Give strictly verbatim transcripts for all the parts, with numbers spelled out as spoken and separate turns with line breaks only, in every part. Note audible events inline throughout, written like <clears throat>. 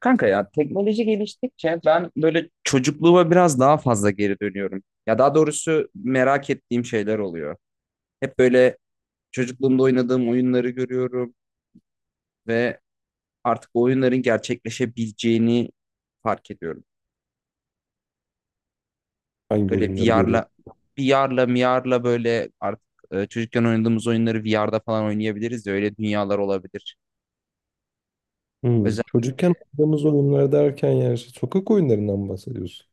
Kanka ya teknoloji geliştikçe ben böyle çocukluğuma biraz daha fazla geri dönüyorum. Ya daha doğrusu merak ettiğim şeyler oluyor. Hep böyle çocukluğumda oynadığım oyunları görüyorum ve artık o oyunların gerçekleşebileceğini fark ediyorum.
Hangi
Böyle
oyunları
VR'la
görüyorsun?
VR'la m r'la böyle artık e, çocukken oynadığımız oyunları v r'da falan oynayabiliriz ya öyle dünyalar olabilir.
Hmm. Çocukken oynadığımız oyunlar derken yani işte sokak oyunlarından mı bahsediyorsun?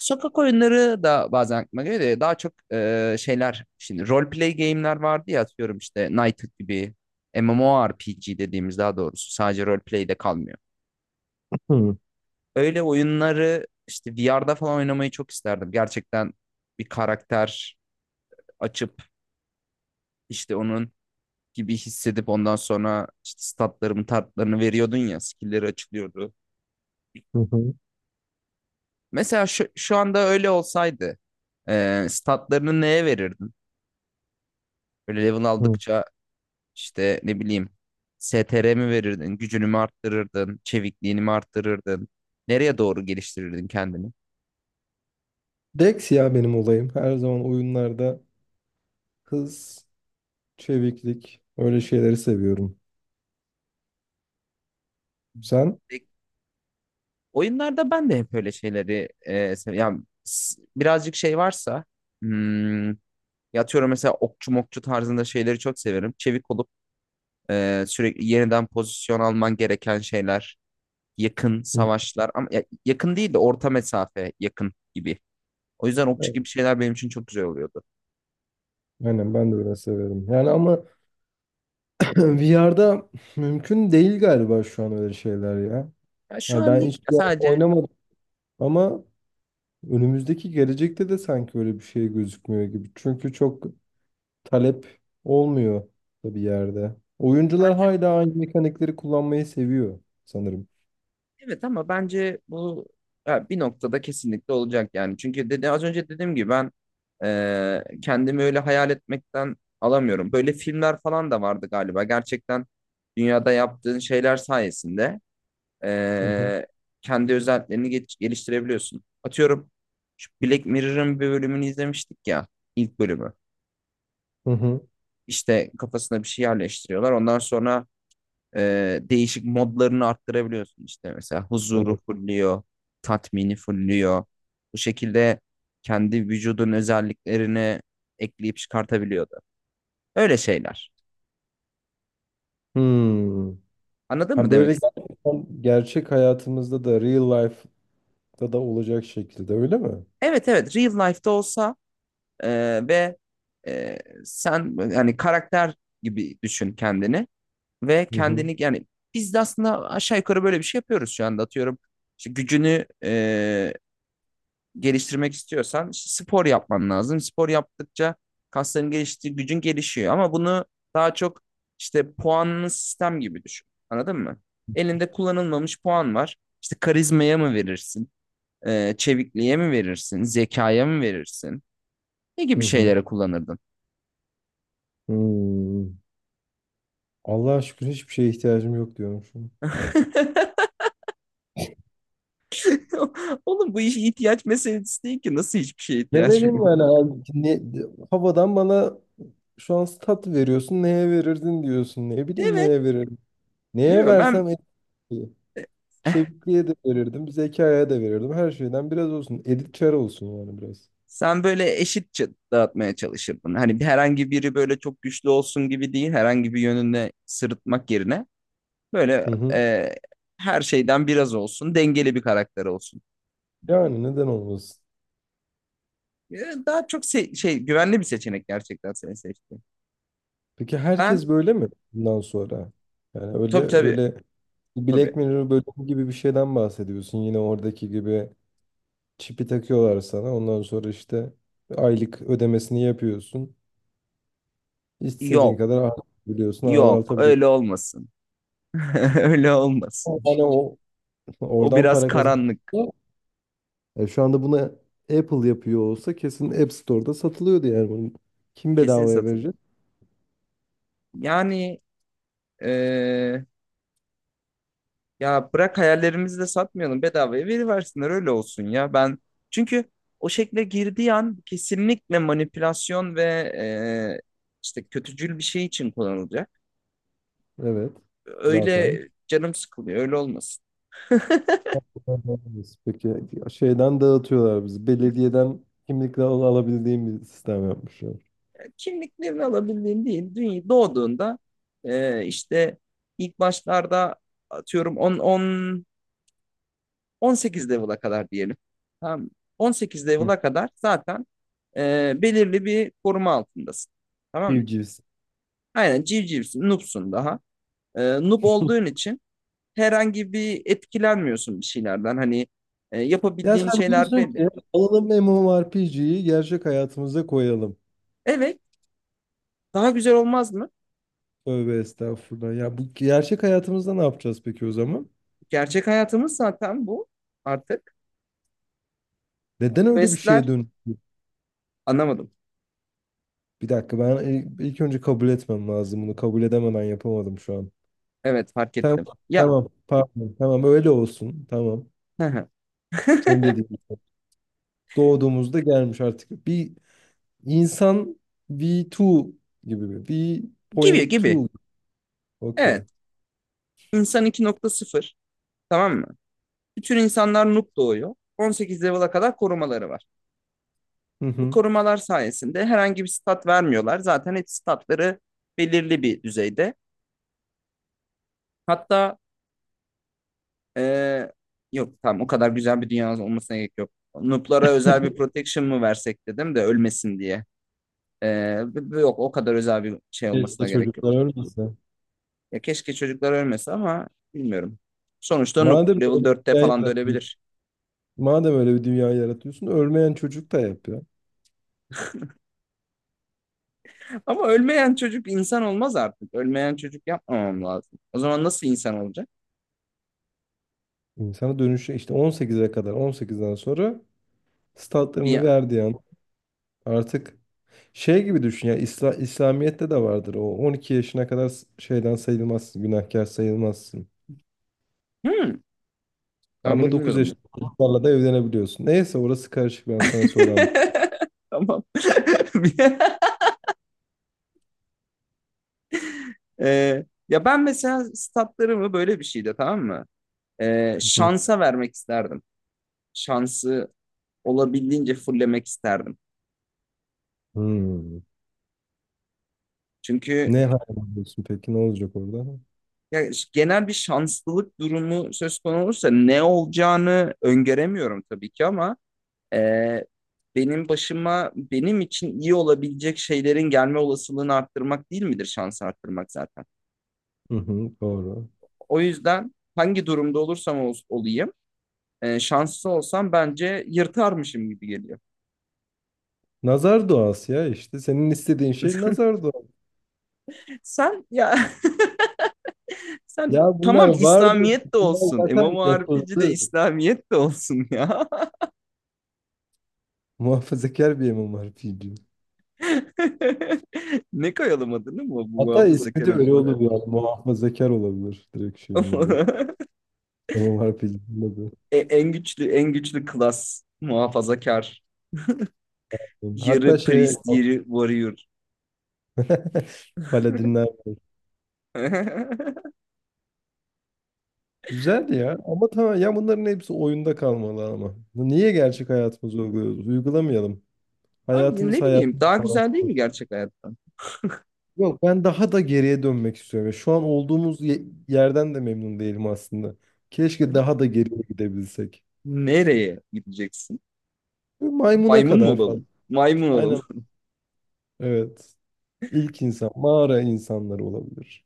Sokak oyunları da bazen aklıma geliyor da daha çok e, şeyler şimdi role play game'ler vardı ya atıyorum işte Knighted gibi MMORPG dediğimiz daha doğrusu sadece role play de kalmıyor.
Hı
Öyle oyunları işte v r'da falan oynamayı çok isterdim. Gerçekten bir karakter açıp işte onun gibi hissedip ondan sonra işte statlarımı tartlarını veriyordun ya skill'leri açılıyordu.
hı hı.
Mesela şu, şu anda öyle olsaydı e, statlarını neye verirdin? Böyle level
Hı.
aldıkça İşte ne bileyim s t r mi verirdin, gücünü mü arttırırdın, çevikliğini mi arttırırdın? Nereye doğru geliştirirdin kendini?
Dex ya benim olayım. Her zaman oyunlarda hız, çeviklik, öyle şeyleri seviyorum. Sen?
E, Oyunlarda ben de hep öyle şeyleri e, sev- yani s- birazcık şey varsa hmm, yatıyorum mesela okçu mokçu tarzında şeyleri çok severim. Çevik olup e, sürekli yeniden pozisyon alman gereken şeyler, yakın
Hı.
savaşlar ama ya- yakın değil de orta mesafe yakın gibi. O yüzden okçu
Evet.
gibi şeyler benim için çok güzel oluyordu.
Aynen ben de öyle severim. Yani ama <clears throat> V R'de mümkün değil galiba şu an öyle şeyler ya.
Ya şu
Yani
an
ben
değil
hiç
ya
V R
sadece
oynamadım, ama önümüzdeki gelecekte de sanki öyle bir şey gözükmüyor gibi. Çünkü çok talep olmuyor da bir yerde. Oyuncular hala aynı mekanikleri kullanmayı seviyor sanırım.
evet ama bence bu ya bir noktada kesinlikle olacak yani. Çünkü dedi, az önce dediğim gibi ben e, kendimi öyle hayal etmekten alamıyorum. Böyle filmler falan da vardı galiba. Gerçekten dünyada yaptığın şeyler sayesinde
Hı hı.
e, kendi özelliklerini geç- geliştirebiliyorsun. Atıyorum şu Black Mirror'ın bir bölümünü izlemiştik ya ilk bölümü.
Hı hı.
İşte kafasına bir şey yerleştiriyorlar. Ondan sonra e, değişik modlarını arttırabiliyorsun işte mesela huzuru
Evet.
fulluyor, tatmini fulluyor. Bu şekilde kendi vücudun özelliklerini ekleyip çıkartabiliyordu. Öyle şeyler.
Hmm.
Anladın mı
Ha,
demek
böyle
istedim?
gerçekten gerçek hayatımızda da real life'da da olacak şekilde öyle mi?
Evet evet real life'da olsa e, ve e, sen yani karakter gibi düşün kendini ve
Hı hı.
kendini yani biz de aslında aşağı yukarı böyle bir şey yapıyoruz şu anda atıyorum. İşte gücünü e, geliştirmek istiyorsan işte spor yapman lazım. Spor yaptıkça kasların geliştiği gücün gelişiyor ama bunu daha çok işte puanlı sistem gibi düşün. Anladın mı? Elinde kullanılmamış puan var. İşte karizmaya mı verirsin? Ee, çevikliğe mi verirsin? Zekaya mı verirsin? Ne
Hı
gibi
hı.
şeylere kullanırdın?
Hmm. Allah'a şükür hiçbir şeye ihtiyacım yok diyormuşum.
<laughs> Oğlum bu iş ihtiyaç meselesi değil ki. Nasıl hiçbir şeye ihtiyacım
Demedim
yok?
yani abi. Ne, havadan bana şu an tat veriyorsun. Neye verirdin diyorsun. Ne bileyim
Evet.
neye veririm. Neye
Bilmiyorum ben.
versem et-
<laughs>
çevikliğe de verirdim, zekaya da verirdim. Her şeyden biraz olsun. Edip Çar olsun yani biraz.
Sen böyle eşitçe dağıtmaya çalışırdın. Hani bir- herhangi biri böyle çok güçlü olsun gibi değil, herhangi bir yönünde sırıtmak yerine böyle
Hı hı.
e, her şeyden biraz olsun, dengeli bir karakter olsun.
Yani neden olmasın?
E, Daha çok se- şey, güvenli bir seçenek gerçekten seni seçtim.
Peki
Ben
herkes böyle mi bundan sonra? Yani öyle
tabii tabii
öyle Black
tabii.
Mirror bölümü gibi bir şeyden bahsediyorsun. Yine oradaki gibi çipi takıyorlar sana. Ondan sonra işte aylık ödemesini yapıyorsun. İstediğin
Yok,
kadar arttırabiliyorsun,
yok
azaltabiliyorsun.
öyle olmasın. <laughs> Öyle
Ama
olmasın.
yani o
O
oradan
biraz
para kazan.
karanlık.
Yani şu anda buna Apple yapıyor olsa kesin App Store'da satılıyordu yani bunun. Kim
Kesin
bedavaya
satılıyor.
verecek?
Yani e, ya bırak hayallerimizi de satmayalım bedavaya veriversinler öyle olsun ya. Ben çünkü o şekle girdiği an kesinlikle manipülasyon ve e, işte kötücül bir şey için kullanılacak.
Evet. Zaten.
Öyle canım sıkılıyor öyle olmasın.
Peki şeyden dağıtıyorlar bizi. Belediyeden kimlikle al- alabildiğim bir sistem yapmışlar.
Kimliklerini alabildiğin değil. Dünya doğduğunda e, işte ilk başlarda atıyorum on on on sekiz level'a kadar diyelim. Tamam. on sekiz
Hı.
level'a kadar zaten e, belirli bir koruma altındasın. Tamam mı?
Civcivs.
Aynen civcivsin, noobsun daha. Ee, Noob olduğun için herhangi bir etkilenmiyorsun bir şeylerden. Hani e,
Ya
yapabildiğin
sen
şeyler
diyorsun
belli.
ki alalım M M O R P G'yi gerçek hayatımıza koyalım.
Evet, daha güzel olmaz mı?
Tövbe estağfurullah. Ya bu gerçek hayatımızda ne yapacağız peki o zaman?
Gerçek hayatımız zaten bu artık.
Neden öyle bir şeye
Questler
dön?
anlamadım.
Bir dakika, ben ilk ilk önce kabul etmem lazım bunu. Kabul edemeden yapamadım şu an.
Evet, fark
Tamam,
ettim. Ya,
tamam, pardon, tamam öyle olsun. Tamam.
hı hı.
Senin
<laughs>
dediğin gibi. Doğduğumuzda gelmiş artık. Bir insan V iki gibi mi?
Gibi gibi.
V.iki. Okey.
Evet, insan iki nokta sıfır, tamam mı? Bütün insanlar noob doğuyor. on sekiz level'a kadar korumaları var.
Hı
Bu
hı.
korumalar sayesinde herhangi bir stat vermiyorlar. Zaten hep statları belirli bir düzeyde. Hatta eee, yok, tamam, o kadar güzel bir dünyanız olmasına gerek yok. Noob'lara özel bir protection mı versek dedim de ölmesin diye. Eee, b- b- yok, o kadar özel bir şey
Keşke
olmasına gerek yok.
çocuklar ölmese.
Ya keşke çocuklar ölmese ama bilmiyorum. Sonuçta noob
Madem öyle
level
bir
dörtte
dünya
falan da
yaratıyorsun,
ölebilir.
madem öyle bir dünya yaratıyorsun, ölmeyen çocuk da yapıyor.
<laughs> Ama ölmeyen çocuk insan olmaz artık. Ölmeyen çocuk yapmamam lazım. O zaman nasıl insan olacak?
İnsana dönüşü işte on sekize kadar, on sekizden sonra
Bir
statlarını verdiği an artık şey gibi düşün ya. İsla- İslamiyet'te de vardır, o on iki yaşına kadar s- şeyden sayılmazsın, günahkar sayılmazsın.
Hmm, Ben bunu
Ama dokuz
bilmiyordum. Ben.
yaşında <laughs> çocuklarla da evlenebiliyorsun. Neyse orası karışık, ben sana sonra anlatayım.
<laughs> Tamam. <laughs> Eee, ya ben mesela statlarımı böyle bir şeyde, tamam mı? Ee,
Hı.
şansa vermek isterdim. Şansı olabildiğince fullemek isterdim.
Hmm.
Çünkü
Ne hayal ediyorsun peki, ne olacak orada?
ya, genel bir şanslılık durumu söz konusu olursa ne olacağını öngöremiyorum tabii ki ama e, benim başıma benim için iyi olabilecek şeylerin gelme olasılığını arttırmak değil midir şansı arttırmak zaten.
Hı hı, doğru.
O yüzden hangi durumda olursam ol- olayım, e, şanslı olsam bence yırtarmışım gibi geliyor.
Nazar duası ya, işte senin istediğin şey nazar duası.
Sen ya. <laughs> Sen,
Ya bunlar
tamam,
vardı.
İslamiyet de
Bunlar
olsun.
zaten
MMORPG de
yapıldı.
İslamiyet de olsun ya.
Muhafazakar bir imam var.
<laughs> Ne koyalım adını mı bu
Hatta ismi
muhafazakar
de öyle
MMORPG?
olur yani. Muhafazakar olabilir direkt şeyin adı.
<laughs>
Var pilli.
E- En güçlü en güçlü klas muhafazakar.
Hatta
Yarı
şey
priest, yarı warrior.
<laughs> paladinler
<laughs>
güzeldi ya, ama tamam ya, bunların hepsi oyunda kalmalı ama. Niye gerçek hayatımızı uyguluyoruz? Uygulamayalım.
Abi
Hayatımız
ne bileyim
hayatımız.
daha
olarak
güzel değil
kalsın.
mi gerçek hayattan?
Yok, ben daha da geriye dönmek istiyorum. Ya şu an olduğumuz ye- yerden de memnun değilim aslında. Keşke
<laughs>
daha da geriye gidebilsek.
Nereye gideceksin?
Böyle maymuna
Maymun mu
kadar falan.
olalım? Maymun olalım.
Aynen evet. İlk insan, mağara insanları olabilir.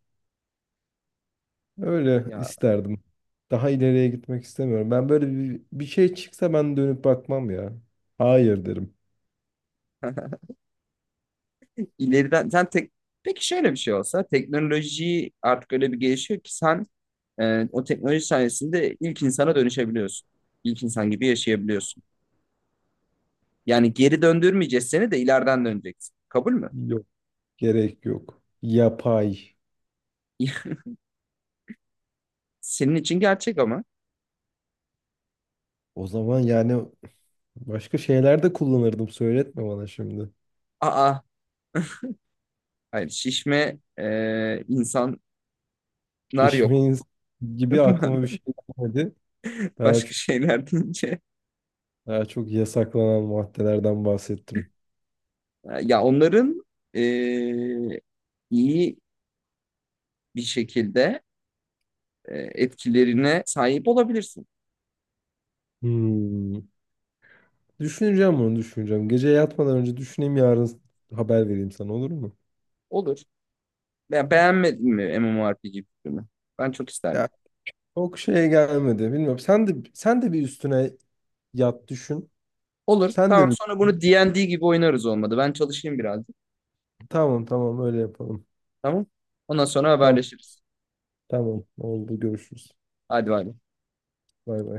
<laughs>
Öyle
Ya
isterdim. Daha ileriye gitmek istemiyorum. Ben böyle bir, bir şey çıksa ben dönüp bakmam ya. Hayır derim.
ileriden sen tek peki şöyle bir şey olsa, teknoloji artık öyle bir gelişiyor ki sen e, o teknoloji sayesinde ilk insana dönüşebiliyorsun. İlk insan gibi yaşayabiliyorsun. Yani geri döndürmeyeceğiz seni de ileriden döneceksin. Kabul mü?
Yok. Gerek yok. Yapay.
<laughs> Senin için gerçek ama.
O zaman yani başka şeyler de kullanırdım. Söyletme bana şimdi.
Aa, hayır, şişme e, insanlar
Şişme
yok.
insan gibi aklıma bir şey
<laughs>
gelmedi. Daha
Başka
çok,
şeyler deyince.
daha çok yasaklanan maddelerden bahsettim.
Ya onların e, iyi bir şekilde e, etkilerine sahip olabilirsin.
Hmm. Düşüneceğim, bunu düşüneceğim. Gece yatmadan önce düşüneyim, yarın haber vereyim sana, olur mu?
Olur. Ya beğenmedin mi MMORPG filmi? Ben çok isterdim.
Ya çok şeye gelmedi. Bilmiyorum. Sen de sen de bir üstüne yat düşün.
Olur.
Sen
Tamam.
de bir,
Sonra bunu D and D gibi oynarız olmadı. Ben çalışayım birazcık.
tamam tamam öyle yapalım.
Tamam. Ondan sonra
Tamam
haberleşiriz.
tamam oldu, görüşürüz.
Hadi bay bay.
Bay bay.